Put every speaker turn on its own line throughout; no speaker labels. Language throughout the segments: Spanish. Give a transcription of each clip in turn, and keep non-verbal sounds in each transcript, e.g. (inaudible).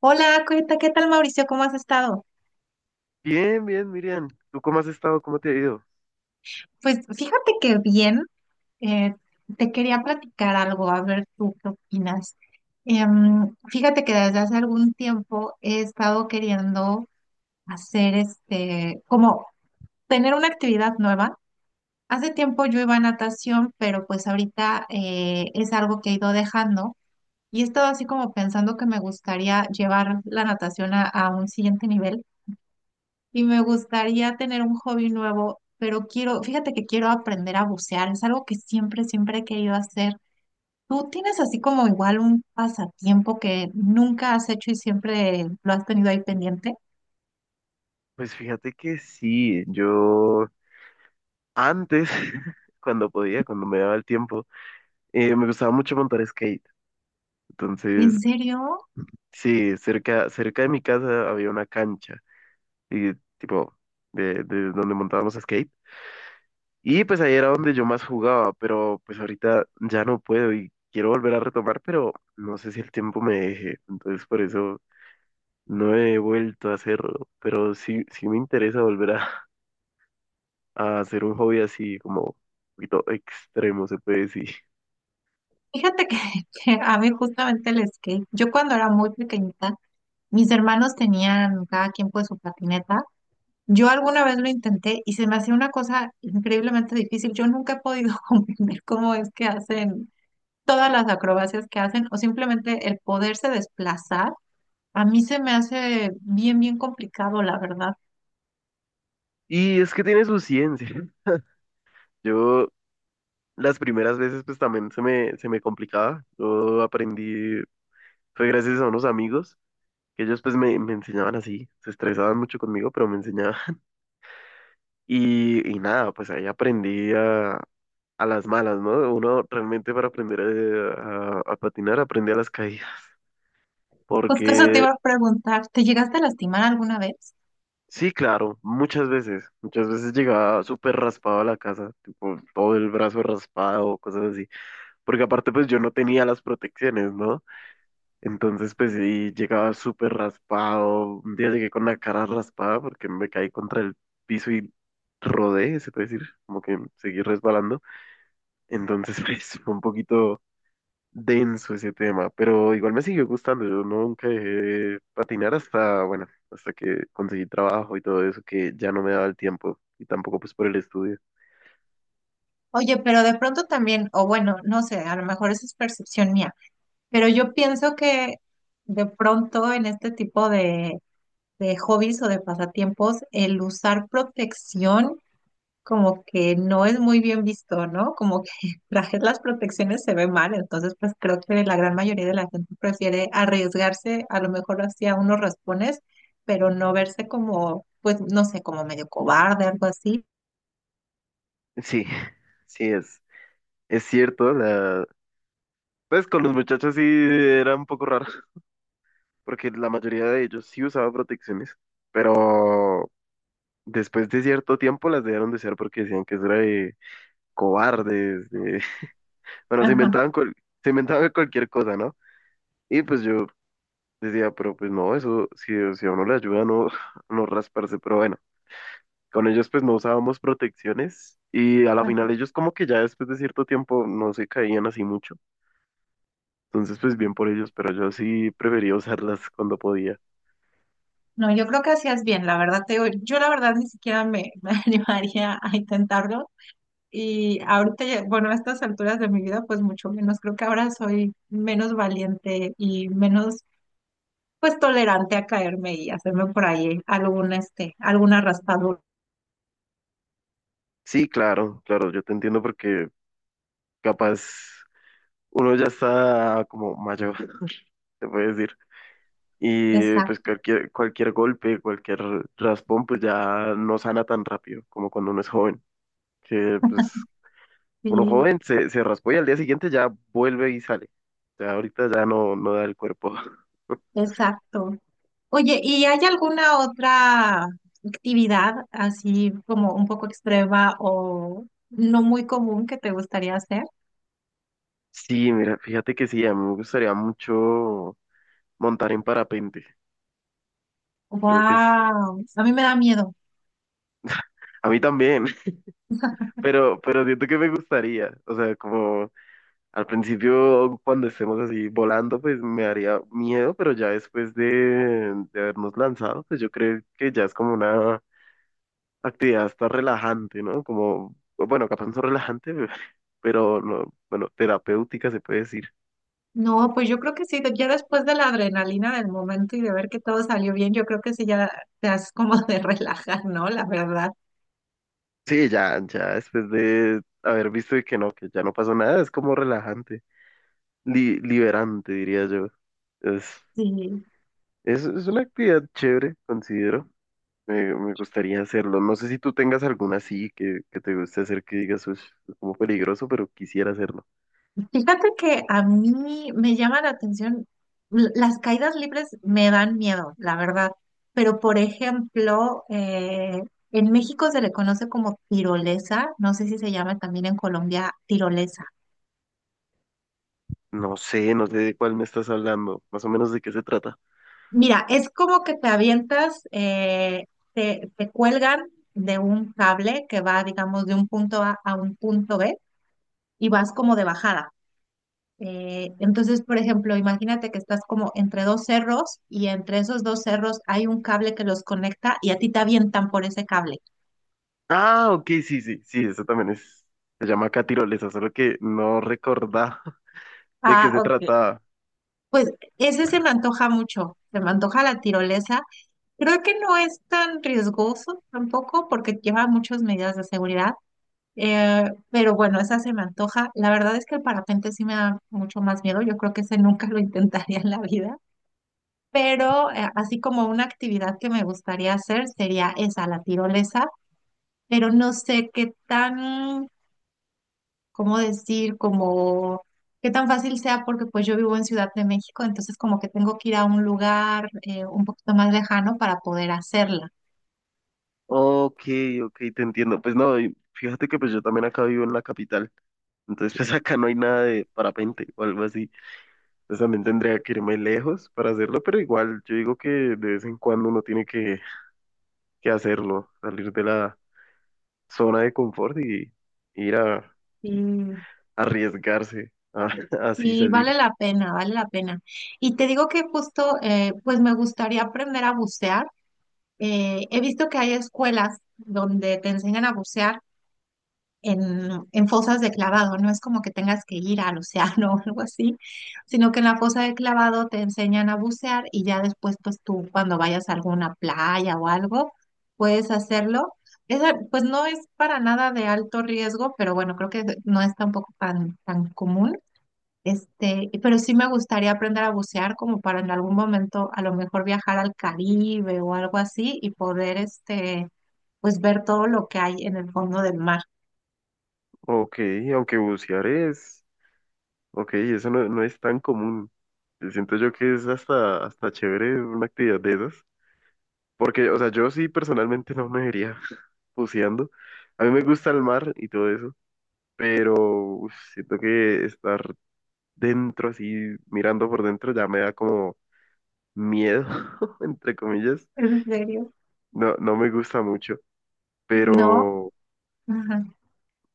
Hola, Cueta, ¿qué tal Mauricio? ¿Cómo has estado?
Bien, bien, Miriam. ¿Tú cómo has estado? ¿Cómo te ha ido?
Pues fíjate que bien, eh, te quería platicar algo, a ver tú qué opinas. Fíjate que desde hace algún tiempo he estado queriendo hacer como tener una actividad nueva. Hace tiempo yo iba a natación, pero pues ahorita es algo que he ido dejando y he estado así como pensando que me gustaría llevar la natación a un siguiente nivel. Y me gustaría tener un hobby nuevo, pero quiero, fíjate que quiero aprender a bucear, es algo que siempre, siempre he querido hacer. ¿Tú tienes así como igual un pasatiempo que nunca has hecho y siempre lo has tenido ahí pendiente?
Pues fíjate que sí, yo antes, (laughs) cuando podía, cuando me daba el tiempo, me gustaba mucho montar skate.
¿En
Entonces,
serio?
sí, cerca de mi casa había una cancha, y, tipo, de donde montábamos skate. Y pues ahí era donde yo más jugaba, pero pues ahorita ya no puedo y quiero volver a retomar, pero no sé si el tiempo me deje. Entonces, por eso no he vuelto a hacerlo, pero sí, sí me interesa volver a hacer un hobby así como un poquito extremo, se puede decir.
Fíjate que, (laughs) que a mí justamente el skate, yo cuando era muy pequeñita, mis hermanos tenían cada quien pues su patineta. Yo alguna vez lo intenté y se me hacía una cosa increíblemente difícil. Yo nunca he podido (laughs) comprender cómo es que hacen todas las acrobacias que hacen o simplemente el poderse desplazar, a mí se me hace bien, bien complicado, la verdad.
Y es que tiene su ciencia. Yo las primeras veces pues también se me complicaba. Yo aprendí, fue gracias a unos amigos que ellos pues me enseñaban así, se estresaban mucho conmigo, pero me enseñaban. (laughs) Y nada, pues ahí aprendí a las malas, ¿no? Uno realmente para aprender a patinar aprende a las caídas,
Justo eso te
porque
iba a preguntar, ¿te llegaste a lastimar alguna vez?
sí, claro, muchas veces llegaba súper raspado a la casa, tipo todo el brazo raspado, cosas así, porque aparte pues yo no tenía las protecciones, ¿no? Entonces pues sí, llegaba súper raspado, un día llegué con la cara raspada porque me caí contra el piso y rodé, se puede decir, como que seguí resbalando, entonces (laughs) pues fue un poquito denso ese tema, pero igual me siguió gustando. Yo nunca dejé de patinar hasta, bueno, hasta que conseguí trabajo y todo eso, que ya no me daba el tiempo y tampoco pues por el estudio.
Oye, pero de pronto también, o bueno, no sé, a lo mejor eso es percepción mía, pero yo pienso que de pronto en este tipo de hobbies o de pasatiempos, el usar protección como que no es muy bien visto, ¿no? Como que (laughs) trajes las protecciones se ve mal, entonces pues creo que la gran mayoría de la gente prefiere arriesgarse a lo mejor hacia unos raspones, pero no verse como, pues no sé, como medio cobarde, algo así.
Sí, (laughs) sí es cierto, la... pues con los muchachos sí era un poco raro, porque la mayoría de ellos sí usaba protecciones, pero después de cierto tiempo las dejaron de usar porque decían que eso era de cobardes, de... (laughs) bueno, se
Ajá.
inventaban, se inventaban cualquier cosa, ¿no? Y pues yo decía, pero pues no, eso, si, si a uno le ayuda a no, (laughs) no rasparse, pero bueno, con ellos pues no usábamos protecciones y a la
Ah,
final ellos como que ya después de cierto tiempo no se caían así mucho, entonces pues bien por ellos, pero yo sí prefería usarlas cuando podía.
no, yo creo que hacías bien, la verdad te digo, yo la verdad ni siquiera (laughs) me animaría a intentarlo. Y ahorita, bueno, a estas alturas de mi vida, pues mucho menos, creo que ahora soy menos valiente y menos pues tolerante a caerme y hacerme por ahí alguna alguna raspadura.
Sí, claro, claro, yo te entiendo porque capaz uno ya está como mayor, (laughs) se puede decir. Y pues
Exacto,
cualquier, cualquier golpe, cualquier raspón, pues ya no sana tan rápido como cuando uno es joven. Que pues uno
sí,
joven se raspó y al día siguiente ya vuelve y sale. O sea, ahorita ya no, no da el cuerpo. (laughs)
exacto. Oye, ¿y hay alguna otra actividad así como un poco extrema o no muy común que te gustaría hacer?
Sí, mira, fíjate que sí, a mí me gustaría mucho montar en parapente. Creo que es...
Wow, a mí me da miedo.
A mí también, (laughs) pero siento que me gustaría. O sea, como... Al principio, cuando estemos así volando, pues me haría miedo, pero ya después de habernos lanzado, pues yo creo que ya es como una actividad hasta relajante, ¿no? Como, bueno, capaz no relajante, (laughs) pero no, bueno, terapéutica se puede decir.
No, pues yo creo que sí, ya después de la adrenalina del momento y de ver que todo salió bien, yo creo que sí ya te has como (laughs) de relajar, ¿no? La verdad,
Sí, ya, ya después de haber visto y que no, que ya no pasó nada, es como relajante, liberante, diría yo. Es,
sí.
es una actividad chévere, considero. Me gustaría hacerlo. No sé si tú tengas alguna así que te guste hacer que digas, "Ush, es como peligroso, pero quisiera hacerlo".
Fíjate que a mí me llama la atención, las caídas libres me dan miedo, la verdad, pero por ejemplo, en México se le conoce como tirolesa, no sé si se llama también en Colombia tirolesa.
No sé, no sé de cuál me estás hablando, más o menos de qué se trata.
Mira, es como que te avientas, te cuelgan de un cable que va, digamos, de un punto A a un punto B y vas como de bajada. Entonces, por ejemplo, imagínate que estás como entre dos cerros y entre esos dos cerros hay un cable que los conecta y a ti te avientan por ese cable.
Ah, ok, sí, sí, sí, eso también es, se llama acá tirolesa, solo que no recordaba (laughs) de qué
Ah,
se
ok.
trataba.
Pues ese se me antoja mucho, se me antoja la tirolesa. Creo que no es tan riesgoso tampoco porque lleva muchas medidas de seguridad, eh, pero bueno, esa se me antoja. La verdad es que el parapente sí me da mucho más miedo, yo creo que ese nunca lo intentaría en la vida. Pero así como una actividad que me gustaría hacer sería esa, la tirolesa, pero no sé qué tan, cómo decir, como qué tan fácil sea porque pues yo vivo en Ciudad de México, entonces como que tengo que ir a un lugar un poquito más lejano para poder hacerla.
Ok, ok, te entiendo. Pues no, y fíjate que pues yo también acá vivo en la capital, entonces pues (laughs) acá no hay nada de parapente o algo así. Entonces también tendría que irme lejos para hacerlo, pero igual yo digo que de vez en cuando uno tiene que hacerlo, salir de la zona de confort y ir a
Sí.
arriesgarse, a, (laughs) así
Y
salir.
vale la pena, vale la pena. Y te digo que justo, pues me gustaría aprender a bucear. He visto que hay escuelas donde te enseñan a bucear en fosas de clavado, no es como que tengas que ir al océano (laughs) o algo así, sino que en la fosa de clavado te enseñan a bucear y ya después, pues tú cuando vayas a alguna playa o algo, puedes hacerlo. Esa, pues no es para nada de alto riesgo, pero bueno, creo que no es tampoco tan, tan común. Pero sí me gustaría aprender a bucear como para en algún momento a lo mejor viajar al Caribe o algo así y poder pues ver todo lo que hay en el fondo del mar.
Ok, aunque bucear es, ok, eso no, no es tan común. Siento yo que es hasta, hasta chévere una actividad de esas, porque, o sea, yo sí personalmente no me vería (laughs) buceando. A mí me gusta el mar y todo eso, pero uf, siento que estar dentro así, mirando por dentro, ya me da como miedo, (laughs) entre comillas.
¿En serio?
No, no me gusta mucho.
No.
pero,
Ajá.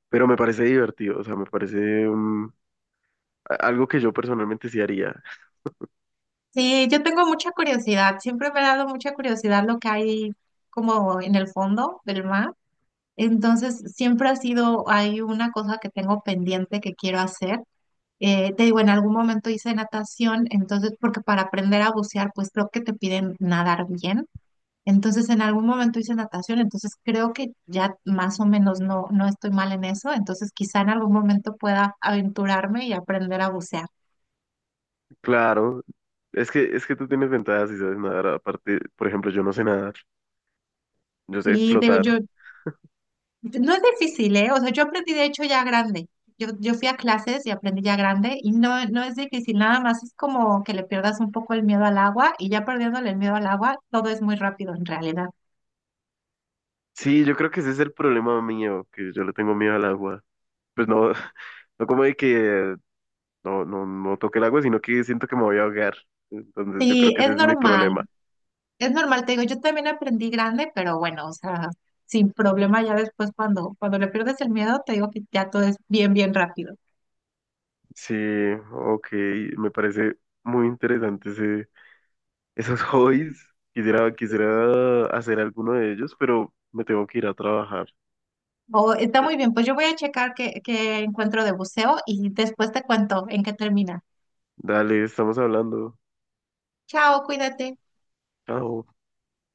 pero me parece divertido, o sea, me parece mm, algo que yo personalmente sí haría.
Sí, yo tengo mucha curiosidad. Siempre me ha dado mucha curiosidad lo que hay como en el fondo del mar. Entonces, siempre ha sido, hay una cosa que tengo pendiente que quiero hacer. Te digo, en algún momento hice natación, entonces, porque para aprender a bucear, pues creo que te piden nadar bien. Entonces, en algún momento hice natación, entonces creo que ya más o menos no, no estoy mal en eso. Entonces, quizá en algún momento pueda aventurarme y aprender a bucear.
Claro, es que tú tienes ventajas y sabes nadar, aparte, por ejemplo, yo no sé nadar, yo sé
Sí, digo,
flotar.
yo, No es difícil, ¿eh? O sea, yo aprendí de hecho ya grande. Yo fui a clases y aprendí ya grande y no, no es difícil, nada más es como que le pierdas un poco el miedo al agua y ya perdiéndole el miedo al agua, todo es muy rápido en realidad.
Sí, yo creo que ese es el problema mío, que yo le tengo miedo al agua. Pues no, (laughs) no como de que no, no, no toque el agua, sino que siento que me voy a ahogar. Entonces yo creo
Sí,
que ese es mi problema.
es normal, te digo, yo también aprendí grande, pero bueno, o sea, sin problema ya después cuando le pierdes el miedo, te digo que ya todo es bien, bien rápido.
Sí, ok, me parece muy interesante ese, esos hobbies, quisiera, quisiera hacer alguno de ellos, pero me tengo que ir a trabajar.
O está
Eh,
muy bien, pues yo voy a checar qué encuentro de buceo y después te cuento en qué termina.
Dale, estamos hablando.
Chao, cuídate.
Chao.